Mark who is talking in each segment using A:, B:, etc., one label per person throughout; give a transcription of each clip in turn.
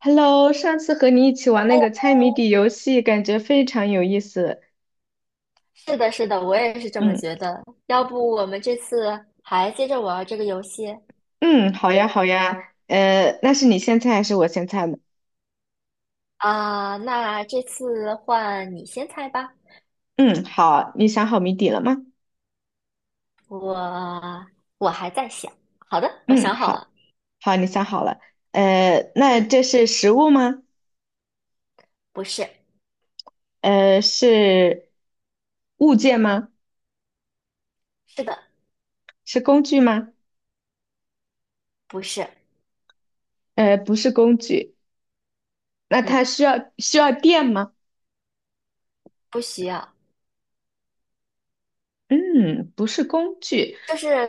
A: Hello，上次和你一起玩那个猜谜底游戏，感觉非常有意思。
B: 是的，是的，我也是这么
A: 嗯，
B: 觉得。要不我们这次还接着玩这个游戏
A: 嗯，好呀好呀，那是你先猜还是我先猜呢？
B: 啊？那这次换你先猜吧。
A: 嗯，好，你想好谜底了吗？
B: 我我还在想。好的，我
A: 嗯，
B: 想好
A: 好，
B: 了。
A: 好，你想好了。那
B: 嗯，
A: 这是食物吗？
B: 不是，
A: 是物件吗？
B: 是的，
A: 是工具吗？
B: 不是，
A: 不是工具。那
B: 嗯，
A: 它需要电吗？
B: 不需要，
A: 嗯，不是工具。
B: 就是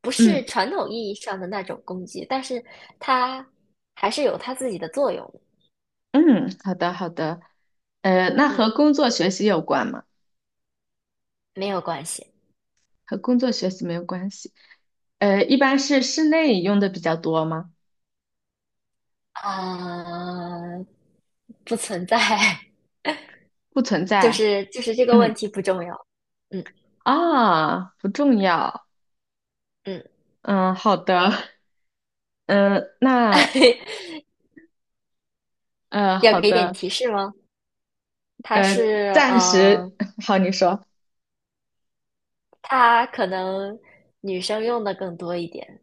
B: 不
A: 嗯
B: 是传统意义上的那种工具，但是它还是有它自己的作用的。
A: 嗯，好的好的。那
B: 嗯，
A: 和工作学习有关吗？
B: 没有关系。
A: 和工作学习没有关系。一般是室内用的比较多吗？
B: 啊，不存在。
A: 不存
B: 就
A: 在。
B: 是就是这个问
A: 嗯，
B: 题不重要，嗯。
A: 啊，不重要。
B: 嗯，
A: 嗯，好的。嗯，那
B: 要
A: 好
B: 给点
A: 的。
B: 提示吗？它
A: 呃，
B: 是
A: 暂时，好，你说，
B: 它可能女生用的更多一点，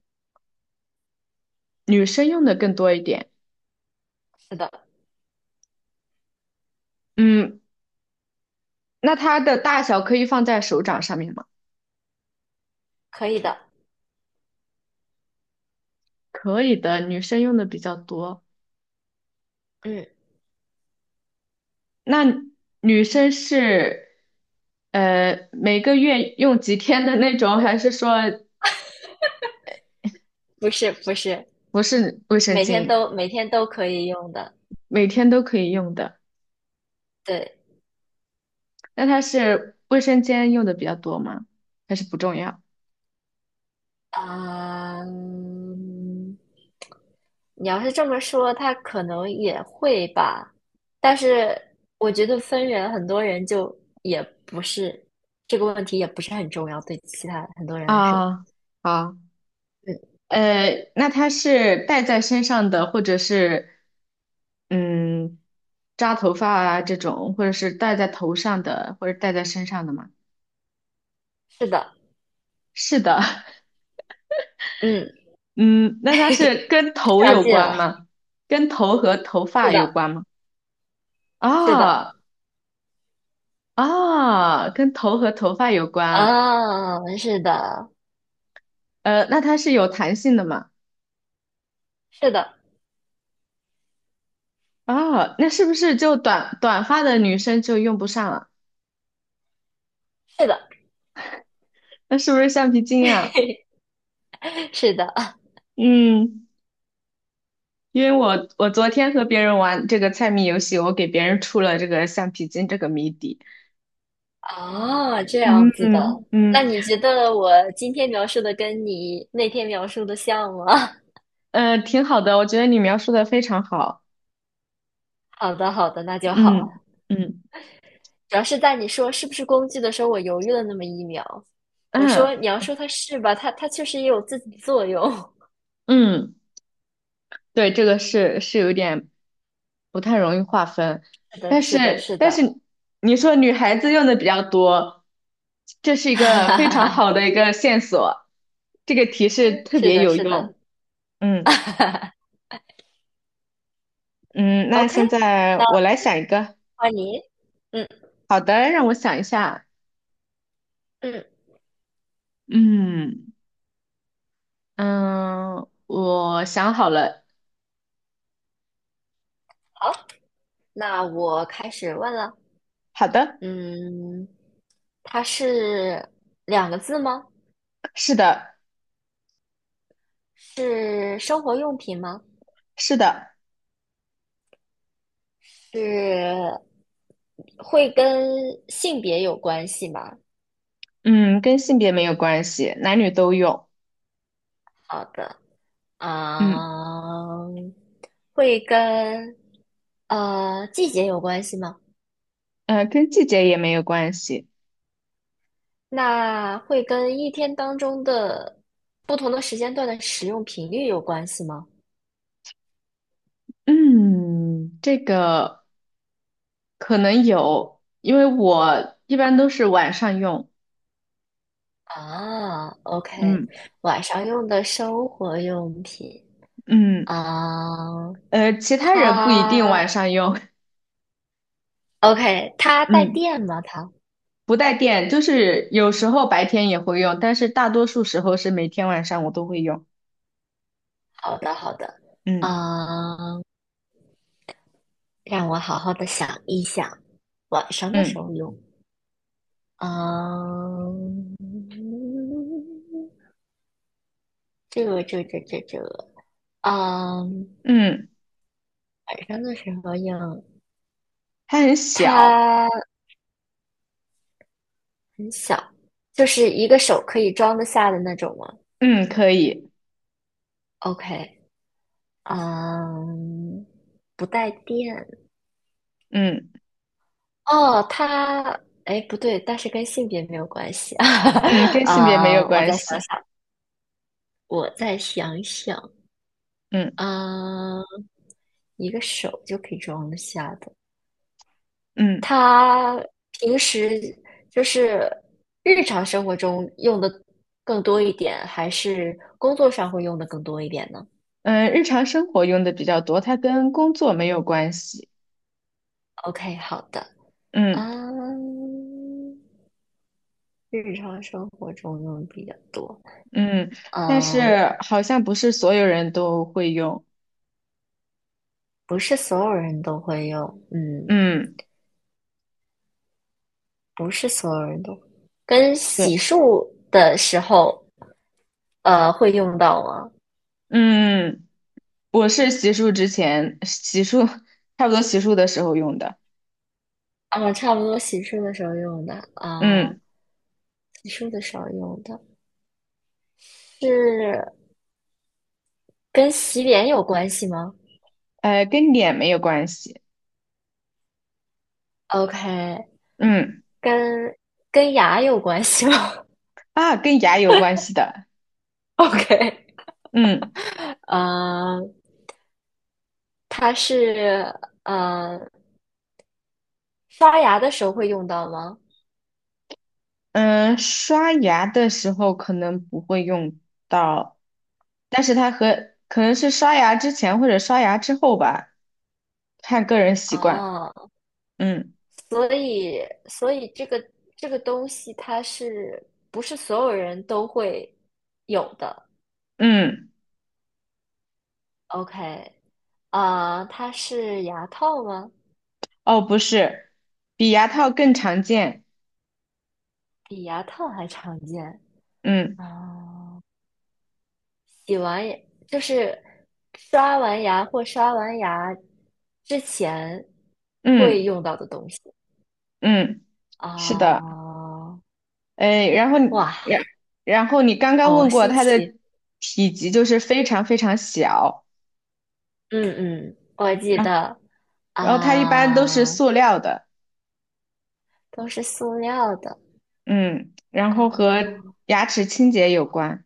A: 女生用的更多一点。
B: 是的，
A: 嗯，那它的大小可以放在手掌上面吗？
B: 可以的。
A: 可以的，女生用的比较多。
B: 嗯，
A: 那女生是，每个月用几天的那种，还是说
B: 不是，
A: 不是卫生
B: 每天
A: 巾，
B: 都每天都可以用的，
A: 每天都可以用的。
B: 对。
A: 那它是卫生间用的比较多吗？还是不重要？
B: 嗯，你要是这么说，他可能也会吧，但是我觉得分人，很多人就也不是，这个问题也不是很重要，对其他很多人来说。
A: 啊，好，
B: 嗯，
A: 那它是戴在身上的，或者是嗯扎头发啊这种，或者是戴在头上的，或者戴在身上的吗？
B: 是的。
A: 是的，
B: 嗯，
A: 嗯，那 它是
B: 非
A: 跟头
B: 常
A: 有
B: 近了，
A: 关吗？跟头和头
B: 是
A: 发
B: 的，
A: 有关吗？
B: 是的。
A: 啊，啊，跟头和头发有关。
B: 啊，是的，
A: 那它是有弹性的嘛？
B: 是的，
A: 啊，那是不是就短短发的女生就用不上了？
B: 是的。
A: 那是不是橡皮筋啊？
B: 是的。
A: 嗯，因为我昨天和别人玩这个猜谜游戏，我给别人出了这个橡皮筋这个谜底。
B: 啊，这
A: 嗯，
B: 样子的。
A: 嗯，
B: 那你觉得我今天描述的跟你那天描述的像吗？
A: 挺好的，我觉得你描述的非常好。
B: 好的，好的，那就好。
A: 嗯，嗯，
B: 主要是在你说是不是工具的时候，我犹豫了那么一秒。我
A: 嗯，
B: 说你要说它是吧，它确实也有自己的作用。
A: 嗯。对，这个是有点不太容易划分，
B: 是的，
A: 但
B: 是的，
A: 是
B: 是
A: 但是
B: 的。
A: 你说女孩子用的比较多，这是 一
B: 哈
A: 个
B: 哈
A: 非
B: 哈
A: 常
B: 哈，
A: 好的一个线索，这个提示特
B: 是
A: 别
B: 的，
A: 有
B: 是的。
A: 用。嗯， 嗯，那
B: OK，
A: 现在
B: 那
A: 我来想一个，
B: 换你。嗯。
A: 好的，让我想一下。
B: 嗯，
A: 嗯，嗯，我想好了，
B: 好，那我开始问了。
A: 好的，
B: 嗯，它是两个字吗？
A: 是的，
B: 是生活用品吗？
A: 是的，
B: 是会跟性别有关系吗？
A: 嗯，跟性别没有关系，男女都用，
B: 好的。
A: 嗯，
B: 啊，会跟呃季节有关系吗？
A: 跟季节也没有关系。
B: 那会跟一天当中的不同的时间段的使用频率有关系吗？
A: 嗯，这个可能有，因为我一般都是晚上用。
B: 啊，OK，
A: 嗯，
B: 晚上用的生活用品。
A: 嗯，
B: 啊，
A: 其他人不一定
B: 它
A: 晚上用。
B: OK，它 带
A: 嗯，
B: 电吗？它
A: 不带电，就是有时候白天也会用，但是大多数时候是每天晚上我都会用。
B: 好的，好的。
A: 嗯，
B: 啊，让我好好的想一想，晚上的时
A: 嗯，
B: 候用。嗯，这个，嗯，
A: 嗯，
B: 晚上的时候用，
A: 它很小。
B: 它很小，就是一个手可以装得下的那种吗
A: 嗯，可以。
B: ？OK，嗯，不带电。
A: 嗯，
B: 哦，它，哎，不对，但是跟性别没有关系。
A: 嗯，跟性别没有
B: 啊，我
A: 关
B: 再想
A: 系。
B: 想，我再想想，
A: 嗯，
B: 嗯，一个手就可以装得下的。
A: 嗯，
B: 他平时就是日常生活中用的更多一点，还是工作上会用的更多一点呢
A: 嗯，日常生活用的比较多，它跟工作没有关系。
B: ？OK，好的。
A: 嗯。
B: 啊，日常生活中用的比较多。
A: 嗯，但
B: 嗯，
A: 是好像不是所有人都会用。
B: 不是所有人都会用。嗯，
A: 嗯，
B: 不是所有人都跟
A: 对，
B: 洗漱的时候，呃，会用到吗？
A: 嗯，我是洗漱之前，洗漱差不多洗漱的时候用的。
B: 啊，差不多洗漱的时候用的啊，
A: 嗯，
B: 洗漱的时候用的是。跟洗脸有关系吗
A: 跟脸没有关系。
B: ？OK，
A: 嗯，
B: 跟跟牙有关系吗？
A: 啊，跟牙有关系的。
B: ？OK，
A: 嗯，
B: 呃，它是呃刷牙的时候会用到吗？
A: 嗯，刷牙的时候可能不会用到，但是它和可能是刷牙之前或者刷牙之后吧，看个人习惯。
B: 哦，
A: 嗯，
B: 所以所以这个这个东西它是不是所有人都会有的
A: 嗯。
B: ？OK，啊，它是牙套吗？
A: 哦，不是，比牙套更常见。
B: 比牙套还常见。
A: 嗯，
B: 啊，洗完牙就是刷完牙或刷完牙之前会
A: 嗯，
B: 用到的东西。
A: 嗯，是的。
B: 啊，
A: 哎，然后你
B: 哇，
A: 然然后你刚刚问
B: 好
A: 过
B: 新
A: 它的
B: 奇！
A: 体积就是非常非常小，
B: 嗯嗯，我记
A: 然后
B: 得。
A: 然后它一般都是
B: 啊，
A: 塑料的。
B: 都是塑料的。
A: 嗯，然
B: 啊，
A: 后和牙齿清洁有关，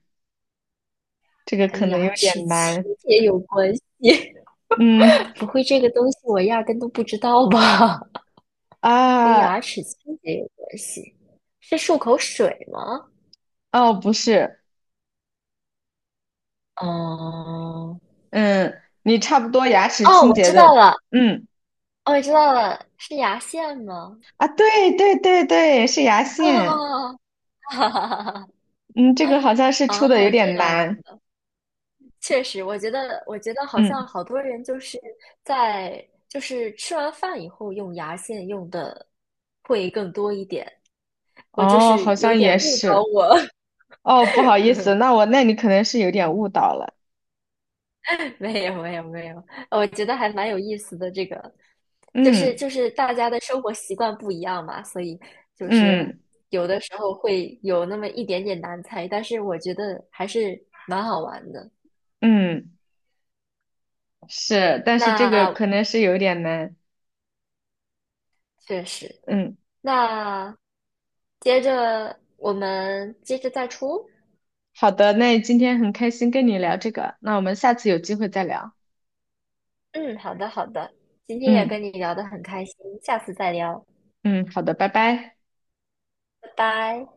A: 这个可
B: 跟
A: 能有
B: 牙
A: 点
B: 齿清
A: 难。
B: 洁有关系。
A: 嗯，
B: 不会这个东西，我压根都不知道吧？跟
A: 啊，
B: 牙齿清洁有关系，是漱口水吗？
A: 哦，不是，
B: 哦、
A: 嗯，你差不多牙齿
B: 哦，
A: 清
B: 我
A: 洁
B: 知道
A: 的。
B: 了，
A: 嗯，
B: 哦，我知道了，是牙线吗？
A: 啊，对对对对，是牙 线。
B: 啊，哈哈哈哈！
A: 嗯，这个好像是
B: 啊，
A: 出的有
B: 这
A: 点
B: 样
A: 难。
B: 确实，我觉得，我觉得好
A: 嗯，
B: 像好多人就是在就是吃完饭以后用牙线用的会更多一点，我就
A: 哦，
B: 是
A: 好
B: 有
A: 像也
B: 点误导
A: 是。
B: 我。
A: 哦，不好意思，那你可能是有点误导了。
B: 没有没有没有，我觉得还蛮有意思的。这个就是
A: 嗯，
B: 就是大家的生活习惯不一样嘛，所以就是
A: 嗯，
B: 有的时候会有那么一点点难猜，但是我觉得还是蛮好玩的。
A: 嗯，是，但是这个可
B: 那
A: 能是有点难。
B: 确实，
A: 嗯，
B: 那接着我们接着再出。
A: 好的，那今天很开心跟你聊这个，那我们下次有机会再聊。
B: 嗯，好的好的，今天也
A: 嗯，
B: 跟你聊得很开心，下次再聊，
A: 嗯，好的，拜拜。
B: 拜拜。